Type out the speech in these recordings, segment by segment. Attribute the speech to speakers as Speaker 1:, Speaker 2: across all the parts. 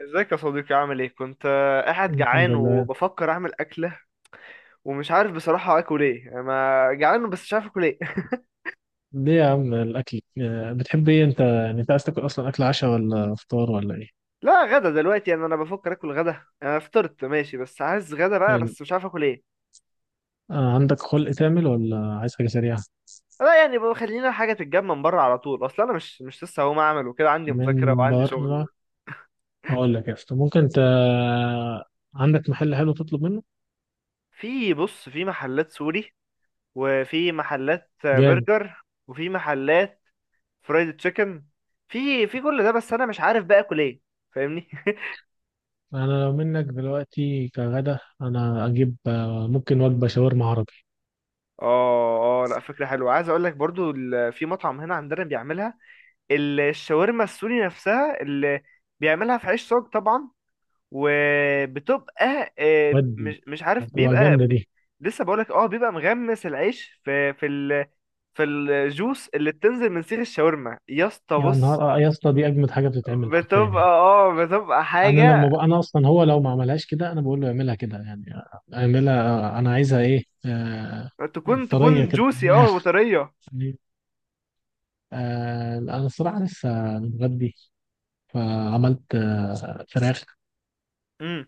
Speaker 1: ازيك يا صديقي؟ عامل ايه؟ كنت قاعد
Speaker 2: الحمد
Speaker 1: جعان
Speaker 2: لله.
Speaker 1: وبفكر اعمل اكله. ومش عارف بصراحه اكل ايه. انا جعان بس مش عارف اكل ايه.
Speaker 2: ليه يا عم الأكل بتحب إيه أنت، يعني أنت عايز تاكل أصلا أكل عشاء ولا فطار ولا إيه؟
Speaker 1: لا، غدا دلوقتي. يعني انا بفكر اكل غدا. انا فطرت ماشي بس عايز غدا بقى،
Speaker 2: حلو.
Speaker 1: بس مش عارف اكل ايه.
Speaker 2: عندك خلق تعمل ولا عايز حاجة سريعة؟
Speaker 1: لا، يعني بقى خلينا حاجه تتجمع من بره على طول. اصل انا مش لسه هقوم اعمل وكده، عندي
Speaker 2: من
Speaker 1: مذاكره وعندي
Speaker 2: بره.
Speaker 1: شغل.
Speaker 2: هقول لك يا اسطى، ممكن أنت عندك محل حلو تطلب منه؟
Speaker 1: في. بص، في محلات سوري، وفي محلات
Speaker 2: جامد.
Speaker 1: برجر، وفي محلات فرايد تشيكن. في كل ده، بس انا مش عارف بقى اكل ايه. فاهمني؟
Speaker 2: أنا لو منك دلوقتي كغدا أنا أجيب ممكن وجبة شاورما عربي.
Speaker 1: اه، اه، لا، فكرة حلوة. عايز اقول لك برضو، في مطعم هنا عندنا بيعملها، الشاورما السوري نفسها، اللي بيعملها في عيش صاج طبعا. وبتبقى
Speaker 2: ودي
Speaker 1: مش عارف،
Speaker 2: هتبقى
Speaker 1: بيبقى
Speaker 2: جامدة دي.
Speaker 1: لسه بقولك. اه، بيبقى مغمس العيش في في الجوس اللي بتنزل من سيخ الشاورما، يا اسطى.
Speaker 2: يا
Speaker 1: بص.
Speaker 2: نهار يا اسطى دي أجمد حاجة بتتعمل حرفيا
Speaker 1: بتبقى
Speaker 2: يعني.
Speaker 1: اه بتبقى حاجة
Speaker 2: انا اصلا، هو لو ما عملهاش كده انا بقول له اعملها كده يعني. اعملها انا عايزها ايه.
Speaker 1: تكون
Speaker 2: طريه
Speaker 1: تكون
Speaker 2: كده
Speaker 1: جوسي، اه، وطرية.
Speaker 2: يعني. انا الصراحه لسه متغدي. فعملت فراخ.
Speaker 1: امم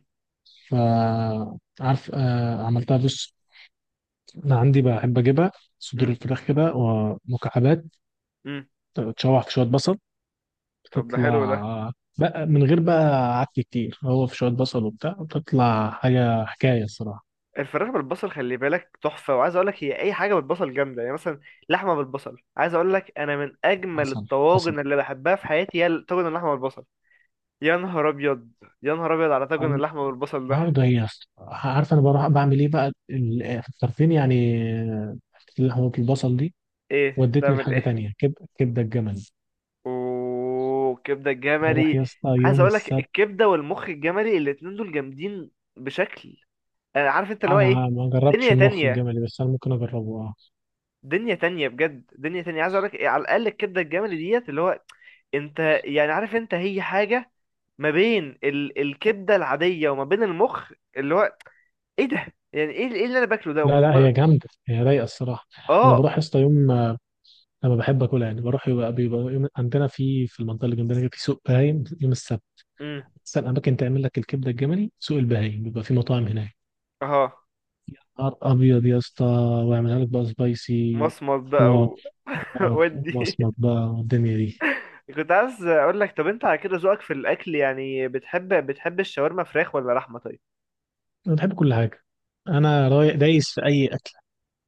Speaker 2: فعارف عملتها بص. انا عندي بحب اجيبها صدور
Speaker 1: امم
Speaker 2: الفراخ كده ومكعبات.
Speaker 1: امم
Speaker 2: تشوح في شويه بصل،
Speaker 1: طب، ده حلو ده.
Speaker 2: بتطلع بقى من غير بقى عك كتير، هو في شويه بصل وبتاع بتطلع حاجه حكايه الصراحه.
Speaker 1: الفراخ بالبصل، خلي بالك، تحفة. وعايز اقول لك، هي اي حاجة بالبصل جامدة، يعني مثلا لحمة بالبصل، عايز اقول لك، انا من اجمل
Speaker 2: حصل حصل.
Speaker 1: الطواجن اللي بحبها في حياتي هي طاجن اللحمة بالبصل. يا نهار ابيض، يا نهار ابيض على طاجن اللحمة بالبصل ده.
Speaker 2: النهارده هي عارفه انا بروح بعمل ايه بقى، في الطرفين يعني، حته لحمه البصل دي
Speaker 1: ايه؟
Speaker 2: ودتني
Speaker 1: تعمل
Speaker 2: لحاجه
Speaker 1: ايه؟
Speaker 2: تانية، كبده الجمل.
Speaker 1: وكبدة
Speaker 2: بروح
Speaker 1: الجملي،
Speaker 2: يا اسطى
Speaker 1: عايز
Speaker 2: يوم
Speaker 1: اقول لك،
Speaker 2: السبت.
Speaker 1: الكبدة والمخ الجملي الاتنين دول جامدين بشكل. انا عارف، انت اللي هو ايه.
Speaker 2: انا ما جربتش
Speaker 1: دنيا
Speaker 2: المخ
Speaker 1: تانية،
Speaker 2: الجملي بس انا ممكن اجربه، اه.
Speaker 1: دنيا تانية بجد، دنيا تانية. عايز اقول لك، على الاقل الكبدة الجملي ديت، اللي هو انت يعني عارف، انت هي حاجة ما بين الكبده العاديه وما بين المخ، اللي هو ايه ده؟ يعني ايه؟ ايه اللي انا باكله ده
Speaker 2: لا لا، هي جامده، هي رايقه الصراحه. انا
Speaker 1: اه.
Speaker 2: بروح يا اسطى يوم، لما بحب اكلها يعني بروح يبقى بيبقى يوم عندنا في المنطقه اللي جنبنا كده، في سوق بهايم يوم السبت.
Speaker 1: امم
Speaker 2: احسن اماكن تعمل لك الكبده الجملي سوق البهايم، بيبقى في مطاعم هناك.
Speaker 1: اه.
Speaker 2: نهار ابيض يا اسطى، ويعملها لك بقى سبايسي،
Speaker 1: مصمت بقى
Speaker 2: آه،
Speaker 1: ودي.
Speaker 2: مصمت بقى، والدنيا دي.
Speaker 1: كنت عايز اقول لك، طب انت على كده ذوقك في الاكل، يعني بتحب الشاورما فراخ ولا لحمه؟ طيب.
Speaker 2: انا بحب كل حاجه، انا رايق دايس في اي اكل.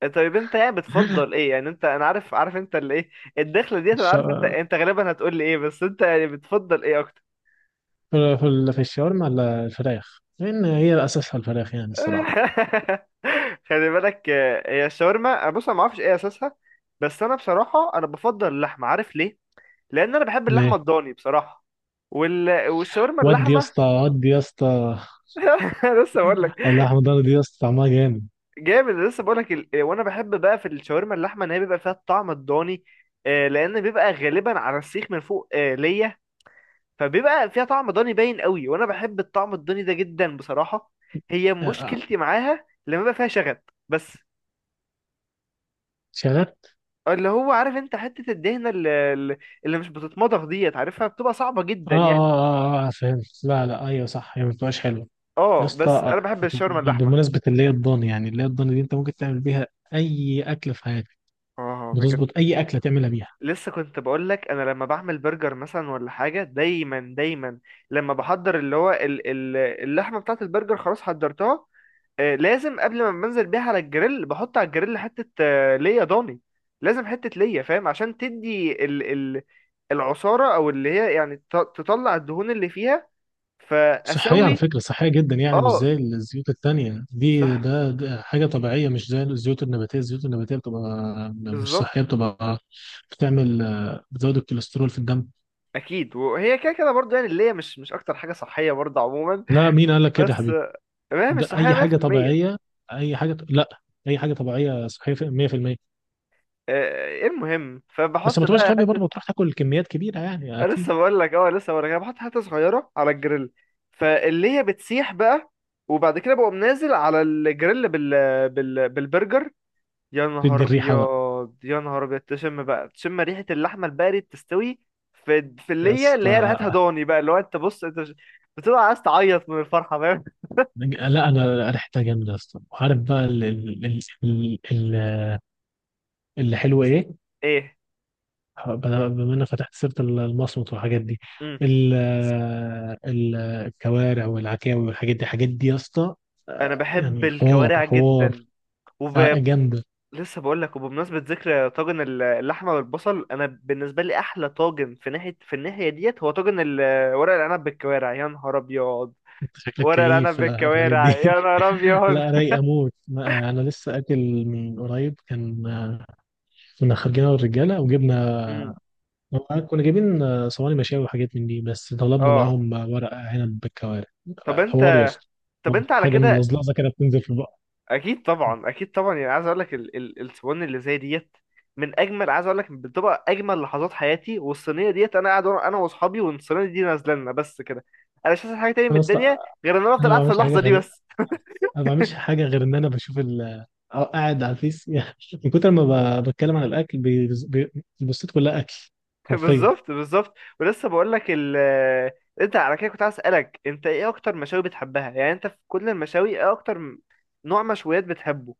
Speaker 1: طيب انت يعني بتفضل ايه؟ يعني انت، انا عارف انت اللي ايه. الدخله ديت، انا
Speaker 2: الش...
Speaker 1: عارف انت غالبا هتقول لي ايه، بس انت يعني بتفضل ايه اكتر؟
Speaker 2: في في ال- في الشاورما ولا الفراخ، لان هي اساسها الفراخ يعني الصراحه.
Speaker 1: خلي بالك، هي الشاورما، بص، انا ما اعرفش ايه اساسها. بس انا بصراحه، انا بفضل اللحمه، عارف ليه؟ لان انا بحب
Speaker 2: ليه؟
Speaker 1: اللحمه الضاني بصراحه. والشاورما
Speaker 2: ودي يا
Speaker 1: اللحمه.
Speaker 2: اسطى، ودي يا اسطى.
Speaker 1: أنا لسه بقول لك.
Speaker 2: اللحمه الضاني دي يا اسطى طعمها جامد.
Speaker 1: جامد، أنا لسه بقول لك. وانا بحب بقى في الشاورما اللحمه ان هي بيبقى فيها الطعم الضاني. لان بيبقى غالبا على السيخ من فوق، ليا. فبيبقى فيها طعم ضاني باين قوي، وانا بحب الطعم الضاني ده جدا بصراحه. هي
Speaker 2: آه،
Speaker 1: مشكلتي معاها لما بيبقى فيها شغب بس.
Speaker 2: شغال.
Speaker 1: اللي هو، عارف انت، حتة الدهنة اللي مش بتتمضغ ديت، عارفها؟ بتبقى صعبة
Speaker 2: اه
Speaker 1: جدا يعني.
Speaker 2: اه اه اه فهمت. لا لا، ايوه صح، هي ما بتبقاش حلوه. يا
Speaker 1: اه.
Speaker 2: اسطى،
Speaker 1: بس انا بحب الشاورما اللحمة.
Speaker 2: بمناسبه اللي هي الضاني يعني، اللي هي الضاني دي انت ممكن تعمل بيها اي اكل في حياتك،
Speaker 1: اه بجد.
Speaker 2: بتظبط اي اكله تعملها بيها.
Speaker 1: لسه كنت بقول لك، انا لما بعمل برجر مثلا ولا حاجة، دايما دايما لما بحضر اللي هو اللحمة بتاعة البرجر، خلاص حضرتها. لازم قبل ما بنزل بيها على الجريل، بحط على الجريل حتة، ليا ضاني. لازم حتة ليا، فاهم، عشان تدي ال العصارة، او اللي هي يعني تطلع الدهون اللي فيها.
Speaker 2: صحية على
Speaker 1: فاسوي.
Speaker 2: فكرة، صحية جدا يعني، مش
Speaker 1: اه،
Speaker 2: زي الزيوت التانية دي.
Speaker 1: صح،
Speaker 2: ده حاجة طبيعية، مش زي الزيوت النباتية بتبقى مش
Speaker 1: بالظبط.
Speaker 2: صحية، بتبقى بتعمل، بتزود الكوليسترول في الدم.
Speaker 1: اكيد، وهي كده كده برضه، يعني اللي هي مش اكتر حاجه صحيه برضه عموما.
Speaker 2: لا، مين قال لك كده يا
Speaker 1: بس
Speaker 2: حبيبي؟
Speaker 1: ما هي مش
Speaker 2: ده
Speaker 1: صحيه
Speaker 2: أي حاجة
Speaker 1: 100%.
Speaker 2: طبيعية. أي حاجة لا. أي حاجة طبيعية صحية 100%.
Speaker 1: إيه المهم،
Speaker 2: بس
Speaker 1: فبحط
Speaker 2: ما تبقاش
Speaker 1: بقى
Speaker 2: غبي
Speaker 1: حته.
Speaker 2: برضه تروح تاكل كميات كبيرة يعني،
Speaker 1: أنا
Speaker 2: أكيد.
Speaker 1: لسه بقول لك، اه لسه بقول لك، أنا بحط حته صغيره على الجريل، فاللي هي بتسيح بقى، وبعد كده بقوم نازل على الجريل بالبرجر. يا
Speaker 2: تدي
Speaker 1: نهار
Speaker 2: الريحة بقى
Speaker 1: ابيض، يا نهار ابيض، تشم بقى، تشم ريحه اللحمه البارد تستوي في في اللي
Speaker 2: يا
Speaker 1: هي اللي هي
Speaker 2: اسطى.
Speaker 1: ريحتها ضاني بقى، اللي هو انت، بص، انت بتبقى عايز تعيط من الفرحه، فاهم؟
Speaker 2: لا، أنا ريحتها جامدة يا اسطى، وعارف بقى اللي حلو إيه.
Speaker 1: ايه.
Speaker 2: بما انك فتحت سيره المصمت والحاجات دي،
Speaker 1: امم
Speaker 2: ال- الكوارع والعكاوي والحاجات دي، الحاجات دي يا اسطى،
Speaker 1: انا بحب
Speaker 2: يعني حوار
Speaker 1: الكوارع
Speaker 2: حوار.
Speaker 1: جدا وب...
Speaker 2: جامده.
Speaker 1: لسه بقول لك. وبمناسبه ذكر طاجن اللحمه والبصل، انا بالنسبه لي احلى طاجن في ناحيه، في الناحيه ديت، هو طاجن ورق العنب بالكوارع. يا نهار ابيض.
Speaker 2: انت شكلك
Speaker 1: ورق
Speaker 2: كيف،
Speaker 1: العنب
Speaker 2: في الحاجات
Speaker 1: بالكوارع،
Speaker 2: دي
Speaker 1: يا نهار ابيض.
Speaker 2: لا رايق اموت، انا لسه اكل من قريب، كان كنا خارجين أنا والرجاله وجبنا،
Speaker 1: امم
Speaker 2: كنا جايبين صواني مشاوي وحاجات من دي، بس طلبنا
Speaker 1: اه.
Speaker 2: معاهم ورق عنب بالكوارع.
Speaker 1: طب انت،
Speaker 2: حوار يا اسطى.
Speaker 1: طب انت على
Speaker 2: حاجه
Speaker 1: كده،
Speaker 2: ملزلزه كده بتنزل في البق.
Speaker 1: اكيد طبعا، اكيد طبعا، يعني عايز اقول لك الصواني اللي زي ديت، من اجمل، عايز اقول لك، بتبقى اجمل لحظات حياتي. والصينيه ديت، انا قاعد انا واصحابي والصينيه دي نازله لنا، بس كده انا مش عايز حاجه تاني من
Speaker 2: انا اصلا،
Speaker 1: الدنيا غير ان انا افضل
Speaker 2: انا
Speaker 1: قاعد في اللحظه دي بس.
Speaker 2: ما بعملش حاجة غير إن أنا بشوف أو قاعد على الفيس يعني. من كتر ما بتكلم عن الأكل، البوستات كلها أكل حرفيا.
Speaker 1: بالظبط بالظبط. ولسه بقول لك انت على كده، كنت عايز اسالك، انت ايه اكتر مشاوي بتحبها؟ يعني انت في كل المشاوي، ايه اكتر نوع مشويات بتحبه؟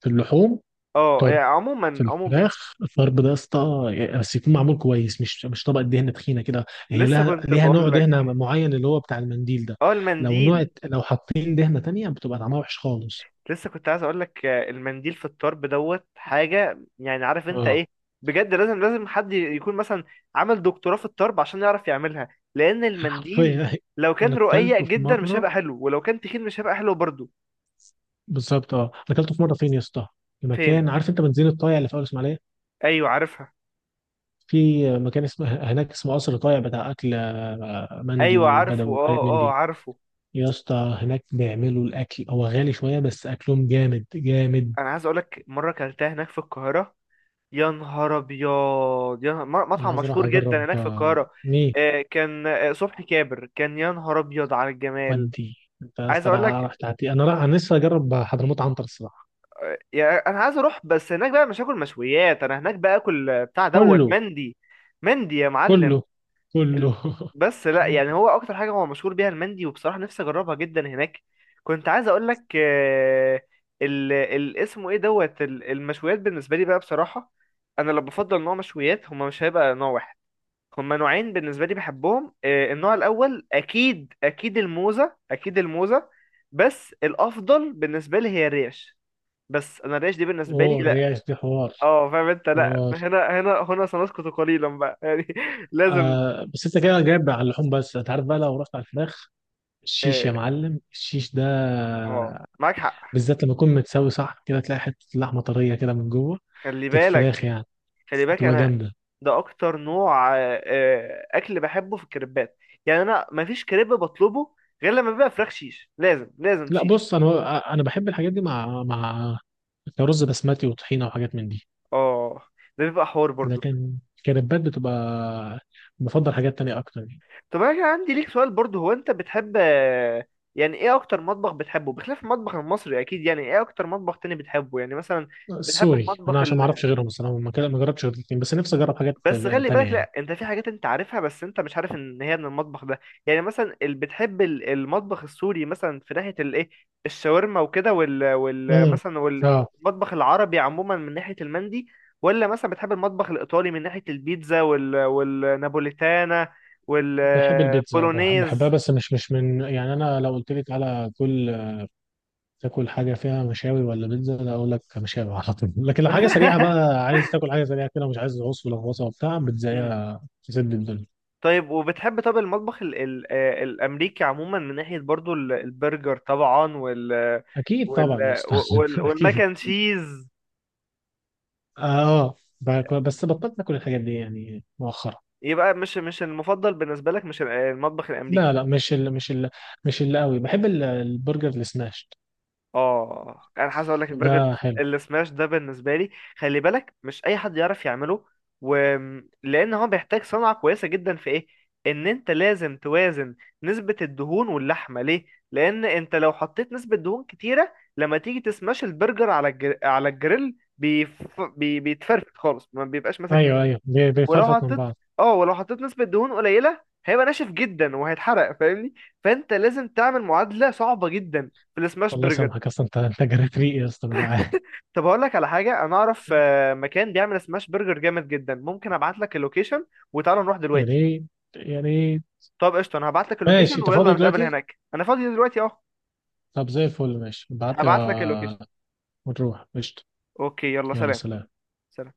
Speaker 2: في اللحوم،
Speaker 1: اه،
Speaker 2: طرب.
Speaker 1: يعني عموما،
Speaker 2: في
Speaker 1: عموما.
Speaker 2: الفراخ الطرب ده يا اسطى، بس يكون معمول كويس، مش طبقة دهنة تخينة كده، هي
Speaker 1: لسه كنت
Speaker 2: ليها نوع
Speaker 1: بقول لك،
Speaker 2: دهنة معين اللي هو بتاع المنديل ده.
Speaker 1: اه، المنديل.
Speaker 2: لو حاطين دهنة تانية بتبقى طعمها وحش خالص.
Speaker 1: لسه كنت عايز اقول لك، المنديل في الطرب دوت حاجه، يعني عارف انت
Speaker 2: اه
Speaker 1: ايه. بجد، لازم، لازم حد يكون مثلا عمل دكتوراه في الطرب عشان يعرف يعملها. لان المنديل،
Speaker 2: حرفيا
Speaker 1: لو
Speaker 2: أنا
Speaker 1: كان رقيق
Speaker 2: أكلته في
Speaker 1: جدا مش
Speaker 2: مرة.
Speaker 1: هيبقى حلو، ولو كان تخين مش هيبقى حلو برضه.
Speaker 2: بالظبط. اه، أنا أكلته في مرة، فين يا اسطى؟ في
Speaker 1: فين؟
Speaker 2: مكان، عارف أنت بنزين الطايع اللي في أول إسماعيلية؟
Speaker 1: ايوه عارفها.
Speaker 2: في مكان اسمه هناك اسمه قصر طايع بتاع اكل مندي
Speaker 1: ايوه
Speaker 2: وبدوي
Speaker 1: عارفه،
Speaker 2: وحاجات
Speaker 1: اه،
Speaker 2: من
Speaker 1: اه
Speaker 2: دي.
Speaker 1: عارفه.
Speaker 2: يا اسطى هناك بيعملوا الاكل، هو غالي شويه بس اكلهم جامد جامد.
Speaker 1: انا عايز اقول لك، مره اكلتها هناك في القاهره. يا نهار ابيض،
Speaker 2: انا
Speaker 1: مطعم
Speaker 2: عايز اروح
Speaker 1: مشهور
Speaker 2: اجرب
Speaker 1: جدا هناك في القاهره.
Speaker 2: ميه.
Speaker 1: كان صبحي كابر كان، يا نهار ابيض على الجمال.
Speaker 2: ودي. انت يا
Speaker 1: عايز
Speaker 2: اسطى
Speaker 1: اقول
Speaker 2: راح
Speaker 1: لك،
Speaker 2: راح تعطي. انا لسه اجرب حضرموت عنتر الصراحه.
Speaker 1: يعني انا عايز اروح بس هناك بقى مش هاكل مشويات، انا هناك بقى اكل بتاع دوت،
Speaker 2: كله
Speaker 1: مندي. مندي يا معلم.
Speaker 2: كله
Speaker 1: ال-
Speaker 2: كله
Speaker 1: بس لا يعني هو اكتر حاجه هو مشهور بيها المندي، وبصراحه نفسي اجربها جدا هناك. كنت عايز اقول لك، اسمه ايه دوت المشويات بالنسبه لي بقى بصراحه، انا لو بفضل نوع مشويات، هما مش هيبقى نوع واحد. هما نوعين بالنسبه لي بحبهم. النوع الاول، اكيد اكيد الموزه، اكيد الموزه. بس الافضل بالنسبه لي هي الريش. بس انا الريش دي بالنسبه
Speaker 2: هو
Speaker 1: لي،
Speaker 2: الريش دي حوار.
Speaker 1: اه، فاهم انت، لا.
Speaker 2: حوار،
Speaker 1: هنا سنسكت قليلا بقى، يعني، لازم.
Speaker 2: بس انت كده جايب على اللحوم، بس انت عارف بقى لو رحت على الفراخ الشيش يا
Speaker 1: اه،
Speaker 2: معلم، الشيش ده
Speaker 1: معاك حق.
Speaker 2: بالذات لما يكون متساوي صح كده تلاقي حتة لحمة طرية كده من جوه،
Speaker 1: خلي
Speaker 2: بتاعت
Speaker 1: بالك
Speaker 2: الفراخ يعني،
Speaker 1: خلي بالك
Speaker 2: تبقى
Speaker 1: انا،
Speaker 2: جامدة.
Speaker 1: ده اكتر نوع اكل بحبه في الكريبات. يعني انا، ما فيش كريب بطلبه غير لما بيبقى فراخ شيش، لازم لازم
Speaker 2: لا
Speaker 1: شيش.
Speaker 2: بص، أنا بحب الحاجات دي، مع رز بسمتي وطحينة وحاجات من دي.
Speaker 1: اه، ده بيبقى حوار برضو.
Speaker 2: لكن كريبات بتبقى، بفضل حاجات تانية أكتر يعني.
Speaker 1: طب انا كان عندي ليك سؤال برضو، هو انت بتحب يعني ايه اكتر مطبخ بتحبه بخلاف المطبخ المصري اكيد؟ يعني ايه اكتر مطبخ تاني بتحبه يعني مثلا؟ بتحب
Speaker 2: سوري أنا
Speaker 1: المطبخ؟
Speaker 2: عشان ما أعرفش غيرهم الصراحة، ما جربتش غير الاتنين بس، نفسي أجرب حاجات
Speaker 1: بس خلي
Speaker 2: تانية
Speaker 1: بالك،
Speaker 2: يعني.
Speaker 1: لا، انت في حاجات انت عارفها بس انت مش عارف ان هي من المطبخ ده. يعني مثلا اللي بتحب المطبخ السوري، مثلا في ناحية الايه، الشاورما وكده وال
Speaker 2: امم.
Speaker 1: مثلا،
Speaker 2: اه،
Speaker 1: والمطبخ العربي عموما من ناحية المندي. ولا مثلا بتحب المطبخ الايطالي من ناحية البيتزا والنابوليتانا
Speaker 2: بحب البيتزا، بحبها،
Speaker 1: والبولونيز.
Speaker 2: بس مش من يعني. أنا لو قلت لي تعالى تاكل حاجة فيها مشاوي ولا بيتزا، لا، أقول لك مشاوي على طول. لكن لو حاجة سريعة بقى، عايز تاكل حاجة سريعة كده، مش عايز عص ولا غوصة وبتاع، بيتزاية تسد الدنيا.
Speaker 1: طيب وبتحب، طب المطبخ ال ال الأمريكي عموما، من ناحية برضو البرجر طبعا
Speaker 2: أكيد
Speaker 1: وال
Speaker 2: طبعا يا أستاذ أكيد.
Speaker 1: والماكن تشيز؟
Speaker 2: آه بس بطلت آكل الحاجات دي يعني، مؤخرا.
Speaker 1: يبقى مش المفضل بالنسبة لك، مش المطبخ
Speaker 2: لا
Speaker 1: الأمريكي.
Speaker 2: لا، مش اللي قوي بحب البرجر السماشت
Speaker 1: اه انا عايز اقول لك، البرجر
Speaker 2: ده حلو.
Speaker 1: اللي سماش ده بالنسبه لي، خلي بالك مش اي حد يعرف يعمله و... لان هو بيحتاج صنعه كويسه جدا في ايه، ان انت لازم توازن نسبه الدهون واللحمه ليه. لان انت لو حطيت نسبه دهون كتيره، لما تيجي تسماش البرجر على على الجريل، بيتفرفت خالص، ما بيبقاش ماسك
Speaker 2: ايوه
Speaker 1: نفسه.
Speaker 2: ايوه
Speaker 1: ولو
Speaker 2: بيفرفط من
Speaker 1: حطيت
Speaker 2: بعض.
Speaker 1: اه ولو حطيت نسبه دهون قليله، هيبقى ناشف جدا وهيتحرق، فاهمني؟ فانت لازم تعمل معادله صعبه جدا في السماش
Speaker 2: الله
Speaker 1: برجر.
Speaker 2: يسامحك، اصلا انت جريت ريقي يا اسطى، انا جعان.
Speaker 1: طب اقول لك على حاجه، انا اعرف مكان بيعمل سماش برجر جامد جدا. ممكن ابعت لك اللوكيشن وتعالى نروح
Speaker 2: يا
Speaker 1: دلوقتي.
Speaker 2: ريت يا ريت.
Speaker 1: طب قشطه، انا هبعت لك
Speaker 2: ماشي،
Speaker 1: اللوكيشن
Speaker 2: انت
Speaker 1: ويلا
Speaker 2: فاضي
Speaker 1: نتقابل
Speaker 2: دلوقتي؟
Speaker 1: هناك، انا فاضي دلوقتي اهو.
Speaker 2: طب زي الفل، ماشي ابعت لي
Speaker 1: هبعت لك اللوكيشن.
Speaker 2: ونروح قشطة.
Speaker 1: اوكي، يلا
Speaker 2: يلا
Speaker 1: سلام.
Speaker 2: سلام.
Speaker 1: سلام.